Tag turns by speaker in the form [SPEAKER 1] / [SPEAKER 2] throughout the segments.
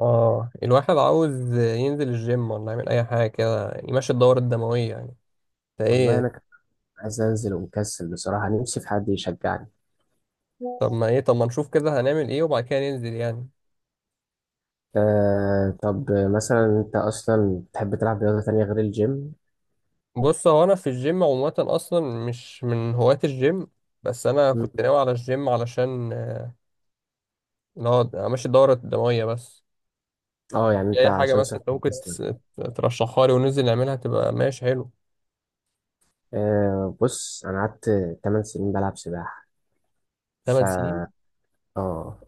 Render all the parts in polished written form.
[SPEAKER 1] اه الواحد عاوز ينزل الجيم ولا يعمل اي حاجه كده يعني يمشي الدوره الدمويه يعني
[SPEAKER 2] والله
[SPEAKER 1] فايه.
[SPEAKER 2] انا كنت عايز انزل ومكسل بصراحه. نفسي في حد يشجعني.
[SPEAKER 1] طب ما نشوف كده هنعمل ايه وبعد كده ننزل يعني.
[SPEAKER 2] آه، طب مثلا انت اصلا بتحب تلعب رياضه تانية غير الجيم؟
[SPEAKER 1] بص هو انا في الجيم عموما اصلا مش من هواة الجيم. بس انا كنت
[SPEAKER 2] مم.
[SPEAKER 1] ناوي على الجيم علشان اللي هو امشي الدوره الدمويه بس.
[SPEAKER 2] اه، يعني
[SPEAKER 1] في
[SPEAKER 2] انت
[SPEAKER 1] اي حاجه
[SPEAKER 2] عشان
[SPEAKER 1] مثلا
[SPEAKER 2] صحه
[SPEAKER 1] انت ممكن
[SPEAKER 2] جسمك.
[SPEAKER 1] ترشحها لي وننزل نعملها تبقى ماشي حلو.
[SPEAKER 2] آه، بص، انا قعدت 8 سنين بلعب سباحه. ف
[SPEAKER 1] 8 سنين.
[SPEAKER 2] اه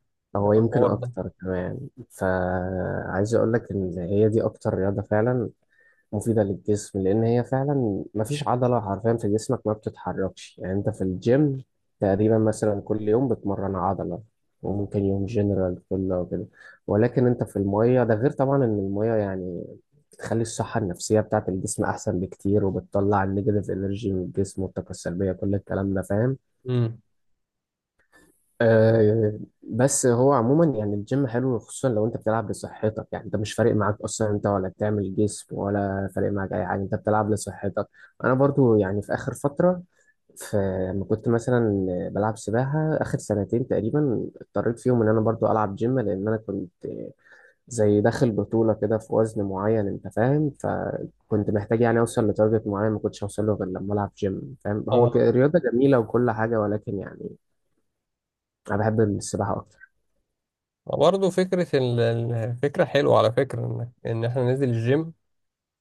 [SPEAKER 1] ده
[SPEAKER 2] هو يمكن
[SPEAKER 1] الحوار ده.
[SPEAKER 2] اكتر كمان. فعايز اقول لك ان هي دي اكتر رياضه فعلا مفيدة للجسم، لأن هي فعلا مفيش عضلة حرفيا في جسمك ما بتتحركش. يعني أنت في الجيم تقريبا مثلا كل يوم بتمرن عضلة، وممكن يوم جنرال كله وكده. ولكن أنت في المية، ده غير طبعا إن المية يعني بتخلي الصحة النفسية بتاعت الجسم أحسن بكتير، وبتطلع النيجاتيف إنرجي من الجسم والطاقة السلبية، كل الكلام ده، فاهم؟
[SPEAKER 1] امم.
[SPEAKER 2] آه، بس هو عموما يعني الجيم حلو، خصوصا لو انت بتلعب لصحتك. يعني انت مش فارق معاك اصلا انت ولا بتعمل جسم، ولا فارق معاك اي حاجه، انت بتلعب لصحتك. انا برضو يعني في اخر فتره، في لما كنت مثلا بلعب سباحه اخر سنتين تقريبا، اضطريت فيهم ان انا برضو العب جيم، لان انا كنت زي داخل بطوله كده في وزن معين، انت فاهم؟ فكنت محتاج يعني اوصل لتارجت معين، ما كنتش اوصل له غير لما العب جيم. فاهم؟ هو
[SPEAKER 1] اه،
[SPEAKER 2] رياضه جميله وكل حاجه، ولكن يعني انا بحب السباحه اكتر.
[SPEAKER 1] برضه فكره الفكره حلوه على فكره انك ان احنا ننزل الجيم.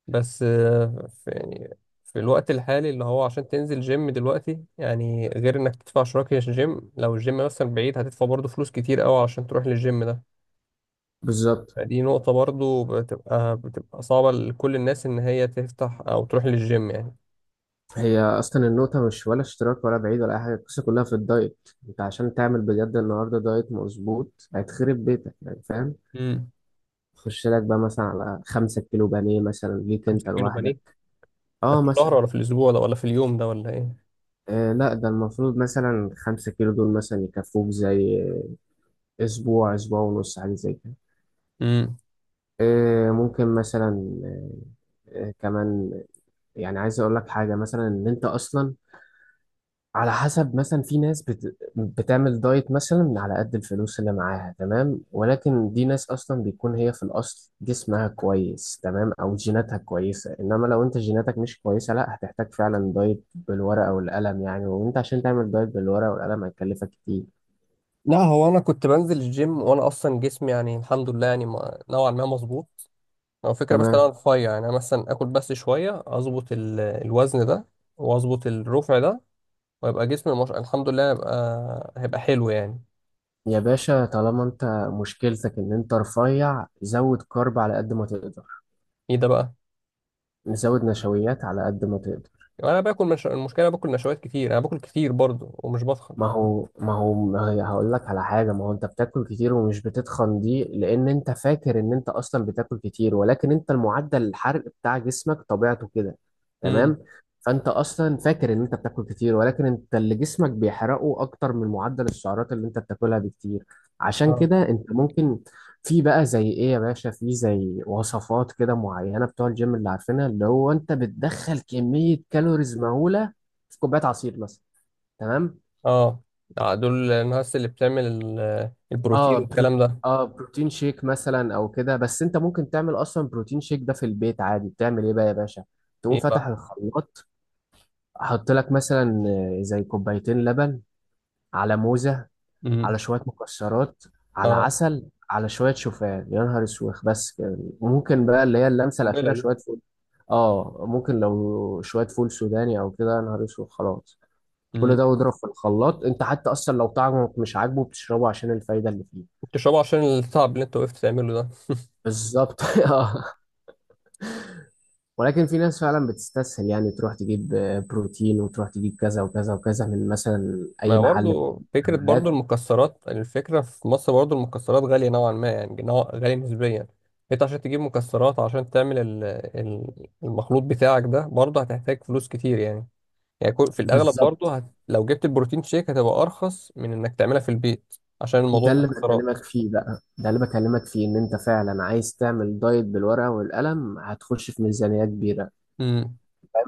[SPEAKER 1] بس في يعني في الوقت الحالي اللي هو عشان تنزل جيم دلوقتي يعني غير انك تدفع شراكة جيم، لو الجيم مثلا بعيد هتدفع برضه فلوس كتير قوي عشان تروح للجيم ده.
[SPEAKER 2] بالظبط.
[SPEAKER 1] فدي نقطة برضه بتبقى صعبة لكل الناس ان هي تفتح او تروح للجيم يعني.
[SPEAKER 2] هي اصلا النقطه مش ولا اشتراك ولا بعيد ولا اي حاجه، القصه كلها في الدايت. انت عشان تعمل بجد النهارده دايت مظبوط هتخرب بيتك، يعني فاهم؟
[SPEAKER 1] امم.
[SPEAKER 2] خش لك بقى مثلا على 5 كيلو بانيه مثلا ليك
[SPEAKER 1] 5
[SPEAKER 2] انت
[SPEAKER 1] كيلو
[SPEAKER 2] لوحدك.
[SPEAKER 1] بانيه؟ ده
[SPEAKER 2] اه
[SPEAKER 1] في الشهر
[SPEAKER 2] مثلا.
[SPEAKER 1] ولا في الاسبوع ده ولا في اليوم ده ولا ايه؟
[SPEAKER 2] لا، ده المفروض مثلا 5 كيلو دول مثلا يكفوك زي اسبوع اسبوع ونص حاجه زي كده.
[SPEAKER 1] امم.
[SPEAKER 2] ممكن مثلا. آه كمان، يعني عايز اقول لك حاجه، مثلا ان انت اصلا على حسب، مثلا في ناس بتعمل دايت مثلا من على قد الفلوس اللي معاها، تمام. ولكن دي ناس اصلا بيكون هي في الاصل جسمها كويس، تمام، او جيناتها كويسه. انما لو انت جيناتك مش كويسه، لا، هتحتاج فعلا دايت بالورقه والقلم يعني. وانت عشان تعمل دايت بالورقه والقلم هيكلفك كتير.
[SPEAKER 1] لا، هو انا كنت بنزل الجيم وانا اصلا جسمي يعني الحمد لله يعني نوعا ما مظبوط. او فكره بس إن
[SPEAKER 2] تمام.
[SPEAKER 1] انا رفيع، يعني انا مثلا اكل بس شويه اظبط الوزن ده. واظبط الرفع ده. ويبقى جسمي مش... الحمد لله هيبقى حلو يعني.
[SPEAKER 2] يا باشا طالما انت مشكلتك ان انت رفيع، زود كارب على قد ما تقدر.
[SPEAKER 1] ايه ده بقى؟
[SPEAKER 2] زود نشويات على قد ما تقدر.
[SPEAKER 1] يعني انا باكل مش... المشكله باكل نشويات كتير، انا باكل كتير برضو ومش بضخم.
[SPEAKER 2] ما هي هقول لك على حاجة. ما هو انت بتاكل كتير ومش بتتخن، دي لان انت فاكر ان انت اصلا بتاكل كتير، ولكن انت المعدل الحرق بتاع جسمك طبيعته كده.
[SPEAKER 1] امم.
[SPEAKER 2] تمام. فانت اصلا فاكر ان انت بتاكل كتير، ولكن انت اللي جسمك بيحرقه اكتر من معدل السعرات اللي انت بتاكلها بكتير. عشان
[SPEAKER 1] اه،
[SPEAKER 2] كده انت ممكن، في بقى زي ايه يا باشا، في زي وصفات كده معينة بتوع الجيم اللي عارفينها، اللي هو انت بتدخل كمية كالوريز مهولة في كوباية عصير مثلا، تمام.
[SPEAKER 1] اه. دول الناس اللي بتعمل
[SPEAKER 2] اه
[SPEAKER 1] البروتين والكلام ده.
[SPEAKER 2] اه، بروتين شيك مثلا او كده. بس انت ممكن تعمل اصلا بروتين شيك ده في البيت عادي. بتعمل ايه بقى يا باشا؟ تقوم
[SPEAKER 1] ايه بقى؟
[SPEAKER 2] فاتح الخلاط، حط لك مثلا زي كوبايتين لبن، على موزة، على
[SPEAKER 1] امم.
[SPEAKER 2] شوية مكسرات، على
[SPEAKER 1] اه،
[SPEAKER 2] عسل، على شوية شوفان، يا نهار اسوخ! بس كده ممكن بقى، اللي هي اللمسة
[SPEAKER 1] قنبله
[SPEAKER 2] الأخيرة،
[SPEAKER 1] دي.
[SPEAKER 2] شوية فول. اه، ممكن لو شوية فول سوداني او كده، يا نهار اسوخ، خلاص.
[SPEAKER 1] امم.
[SPEAKER 2] كل ده واضرب في الخلاط. انت حتى اصلا لو طعمك مش عاجبه بتشربه عشان الفايدة اللي فيه.
[SPEAKER 1] بتشربه عشان التعب اللي انت وقفت تعمله ده.
[SPEAKER 2] بالظبط. ولكن في ناس فعلا بتستسهل، يعني تروح تجيب بروتين، وتروح تجيب كذا وكذا وكذا من مثلا
[SPEAKER 1] ما
[SPEAKER 2] اي محل بتاع
[SPEAKER 1] برضه فكرة، برضه
[SPEAKER 2] مكملات.
[SPEAKER 1] المكسرات، الفكرة في مصر برضه المكسرات غالية نوعا ما، يعني نوع غالية نسبيا. انت عشان تجيب مكسرات عشان تعمل المخلوط بتاعك ده برضه هتحتاج فلوس كتير يعني. يعني في الأغلب
[SPEAKER 2] بالظبط.
[SPEAKER 1] برضه لو جبت البروتين شيك هتبقى أرخص من إنك تعملها في البيت، عشان
[SPEAKER 2] ده
[SPEAKER 1] الموضوع
[SPEAKER 2] اللي
[SPEAKER 1] مكسرات.
[SPEAKER 2] بكلمك فيه بقى، ده اللي بكلمك فيه، ان انت فعلا عايز تعمل دايت بالورقه والقلم، هتخش في ميزانيه كبيره.
[SPEAKER 1] امم.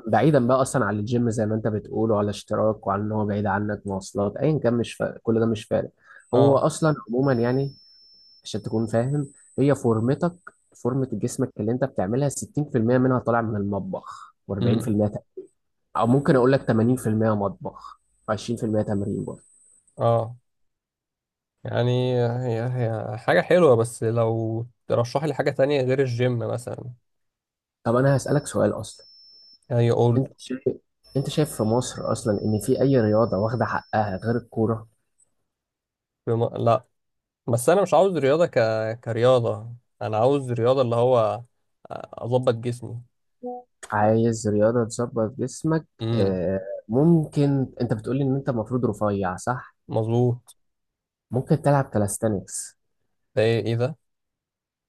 [SPEAKER 2] بعيدا بقى اصلا عن الجيم زي ما انت بتقول، وعلى اشتراك، وعن ان هو بعيد عنك، مواصلات، ايا كان، مش فارق، كل ده مش فارق. هو
[SPEAKER 1] اه.
[SPEAKER 2] اصلا عموما يعني عشان تكون فاهم، هي فورمتك، فورمة جسمك اللي انت بتعملها، 60% منها طالع من المطبخ
[SPEAKER 1] امم.
[SPEAKER 2] و40% او ممكن اقول لك 80% مطبخ و20% تمرين برضه.
[SPEAKER 1] اه، يعني هي حاجة حلوة، بس لو ترشح لي حاجة تانية غير الجيم مثلا.
[SPEAKER 2] طب انا هسألك سؤال اصلا،
[SPEAKER 1] يعني قول.
[SPEAKER 2] انت شايف انت شايف في مصر اصلا ان في اي رياضة واخدة حقها غير الكورة؟
[SPEAKER 1] لا، بس انا مش عاوز رياضه كرياضه. انا عاوز رياضه اللي هو اظبط جسمي.
[SPEAKER 2] عايز رياضة تظبط جسمك؟
[SPEAKER 1] امم.
[SPEAKER 2] آه، ممكن، انت بتقولي ان انت المفروض رفيع، صح؟
[SPEAKER 1] مظبوط.
[SPEAKER 2] ممكن تلعب كاليستانكس.
[SPEAKER 1] ده ايه؟ إيه ده؟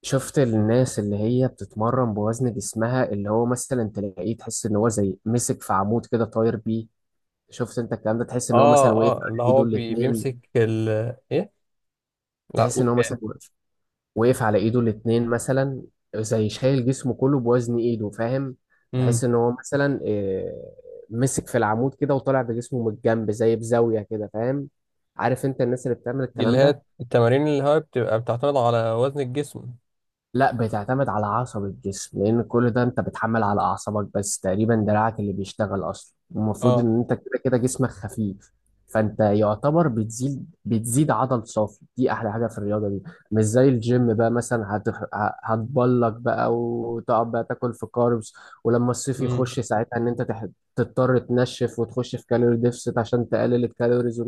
[SPEAKER 2] شفت الناس اللي هي بتتمرن بوزن جسمها، اللي هو مثلا تلاقيه، تحس ان هو زي مسك في عمود كده طاير بيه. شفت انت الكلام ده؟ تحس ان هو
[SPEAKER 1] اه،
[SPEAKER 2] مثلا وقف على
[SPEAKER 1] اه، اللي هو
[SPEAKER 2] ايده الاتنين.
[SPEAKER 1] بيمسك ايه. لا،
[SPEAKER 2] تحس ان
[SPEAKER 1] قول
[SPEAKER 2] هو مثلا
[SPEAKER 1] ايه.
[SPEAKER 2] وقف على ايده الاتنين مثلا، زي شايل جسمه كله بوزن ايده، فاهم؟
[SPEAKER 1] امم.
[SPEAKER 2] تحس ان هو مثلا مسك في العمود كده وطالع بجسمه من الجنب زي بزاوية كده، فاهم؟ عارف انت الناس اللي بتعمل
[SPEAKER 1] دي اللي
[SPEAKER 2] الكلام ده؟
[SPEAKER 1] هي التمارين اللي هي بتبقى بتعتمد على وزن الجسم.
[SPEAKER 2] لا، بتعتمد على عصب الجسم، لان كل ده انت بتحمل على اعصابك، بس تقريبا دراعك اللي بيشتغل اصلا. المفروض
[SPEAKER 1] اه.
[SPEAKER 2] ان انت كده كده جسمك خفيف، فانت يعتبر بتزيد عضل صافي. دي احلى حاجه في الرياضه دي، مش زي الجيم بقى مثلا هتبلك بقى وتقعد بقى تاكل في كاربس، ولما الصيف
[SPEAKER 1] امم.
[SPEAKER 2] يخش ساعتها ان انت تضطر تنشف وتخش في كالوري ديفست عشان تقلل الكالوريز.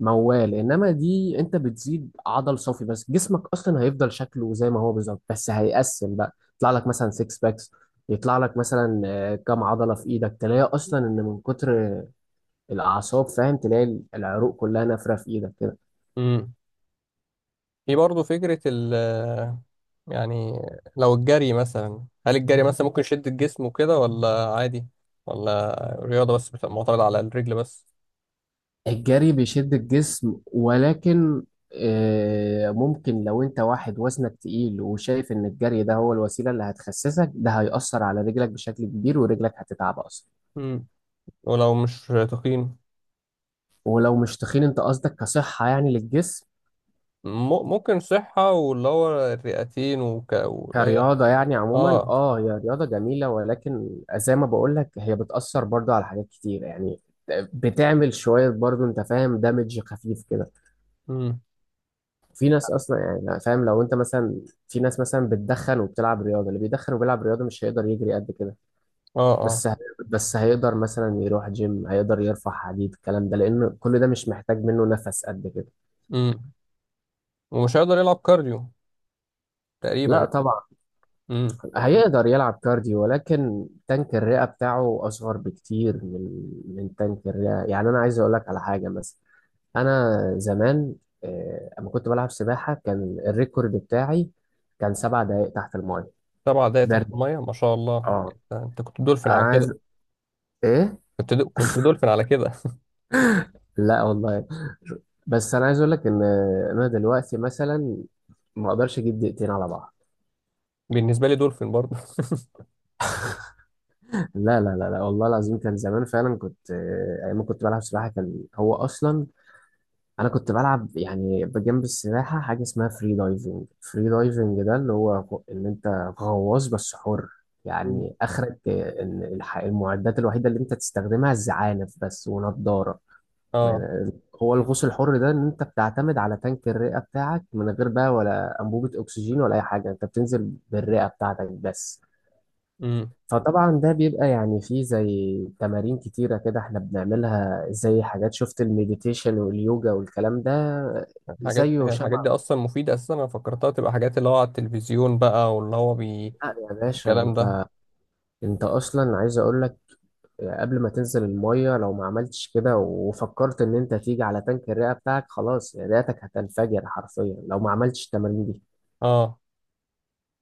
[SPEAKER 2] موال، انما دي انت بتزيد عضل صافي، بس جسمك اصلا هيفضل شكله زي ما هو بالظبط، بس هيقسم بقى، يطلع لك مثلا سكس باكس، يطلع لك مثلا كام عضله في ايدك. تلاقي اصلا ان من كتر الاعصاب، فاهم، تلاقي العروق كلها نافره في ايدك كده.
[SPEAKER 1] امم. في برضه فكره يعني، لو الجري مثلا هل الجري مثلا ممكن يشد الجسم وكده ولا عادي؟ ولا رياضه بس بتبقى معتمده على الرجل بس؟
[SPEAKER 2] الجري بيشد الجسم، ولكن ممكن لو انت واحد وزنك تقيل وشايف ان الجري ده هو الوسيله اللي هتخسسك، ده هيأثر على رجلك بشكل كبير، ورجلك هتتعب اصلا.
[SPEAKER 1] امم. ولو مش تقييم.
[SPEAKER 2] ولو مش تخين، انت قصدك كصحة يعني للجسم،
[SPEAKER 1] ممكن صحة واللي هو الرئتين واللي هي.
[SPEAKER 2] كرياضة يعني عموما،
[SPEAKER 1] اه.
[SPEAKER 2] اه، هي رياضة جميلة، ولكن زي ما بقولك هي بتأثر برضو على حاجات كتير يعني. بتعمل شوية برضو، انت فاهم، دامج خفيف كده.
[SPEAKER 1] امم.
[SPEAKER 2] في ناس اصلا يعني، أنا فاهم، لو انت مثلا، في ناس مثلا بتدخن وبتلعب رياضة، اللي بيدخن وبيلعب رياضة مش هيقدر يجري قد كده.
[SPEAKER 1] اه. اه.
[SPEAKER 2] بس ه- بس هيقدر مثلا يروح جيم، هيقدر يرفع حديد، الكلام ده، لأن كل ده مش محتاج منه نفس قد كده.
[SPEAKER 1] امم. ومش هيقدر يلعب كارديو
[SPEAKER 2] لا
[SPEAKER 1] تقريبا.
[SPEAKER 2] طبعا.
[SPEAKER 1] امم.
[SPEAKER 2] هيقدر يلعب كارديو، ولكن تانك الرئة بتاعه أصغر بكتير من تانك الرئة. يعني أنا عايز أقول لك على حاجة، مثلا أنا زمان، أما كنت بلعب سباحة كان الريكورد بتاعي كان 7 دقايق تحت الماية.
[SPEAKER 1] 7 دقايق تحت
[SPEAKER 2] برد.
[SPEAKER 1] المية، ما شاء الله،
[SPEAKER 2] اه.
[SPEAKER 1] انت كنت دولفين
[SPEAKER 2] أنا
[SPEAKER 1] على كده.
[SPEAKER 2] عايز. إيه؟
[SPEAKER 1] كنت دولفين على كده.
[SPEAKER 2] لا والله. بس أنا عايز أقول لك إن أنا دلوقتي مثلا ما أقدرش أجيب دقيقتين على بعض.
[SPEAKER 1] بالنسبة لي دولفين برضه
[SPEAKER 2] لا لا لا لا، والله العظيم كان زمان فعلا، كنت أيام ما كنت بلعب سباحة، كان هو أصلا انا كنت بلعب يعني بجنب السباحه حاجه اسمها فري دايفنج. فري دايفنج ده اللي هو ان انت غواص بس حر.
[SPEAKER 1] مم.
[SPEAKER 2] يعني اخرك ان المعدات الوحيده اللي انت تستخدمها الزعانف بس ونضاره.
[SPEAKER 1] اه.
[SPEAKER 2] يعني هو الغوص الحر ده ان انت بتعتمد على تانك الرئه بتاعك من غير بقى ولا انبوبه اكسجين ولا اي حاجه، انت بتنزل بالرئه بتاعتك بس.
[SPEAKER 1] امم.
[SPEAKER 2] فطبعا ده بيبقى يعني فيه زي تمارين كتيرة كده احنا بنعملها، زي حاجات شفت المديتيشن واليوجا والكلام ده.
[SPEAKER 1] الحاجات
[SPEAKER 2] زيه
[SPEAKER 1] هي الحاجات دي
[SPEAKER 2] شبه.
[SPEAKER 1] اصلا مفيدة اساسا، انا فكرتها تبقى حاجات اللي هو على التلفزيون بقى واللي هو
[SPEAKER 2] لا يا باشا،
[SPEAKER 1] الكلام ده.
[SPEAKER 2] انت اصلا عايز اقول لك، قبل ما تنزل المية لو ما عملتش كده وفكرت ان انت تيجي على تانك الرئة بتاعك، خلاص، رئتك هتنفجر حرفيا لو ما عملتش التمارين دي.
[SPEAKER 1] اه.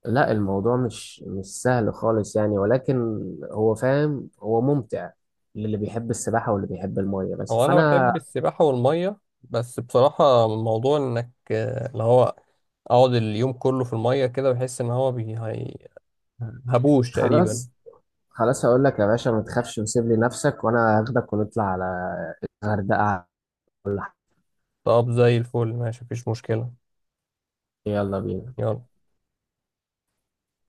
[SPEAKER 2] لا، الموضوع مش سهل خالص يعني، ولكن هو فاهم، هو ممتع للي بيحب السباحة واللي بيحب المية بس،
[SPEAKER 1] هو انا
[SPEAKER 2] فأنا.
[SPEAKER 1] بحب السباحه والميه، بس بصراحه موضوع انك اللي هو اقعد اليوم كله في الميه كده بحس ان هو هبوش تقريبا.
[SPEAKER 2] خلاص، خلاص، هقول لك يا باشا، ما تخافش وسيب لي نفسك وانا هاخدك ونطلع على الغردقة ولا حاجة.
[SPEAKER 1] طب زي الفل، ماشي، مفيش مشكله.
[SPEAKER 2] يلا بينا.
[SPEAKER 1] يلا.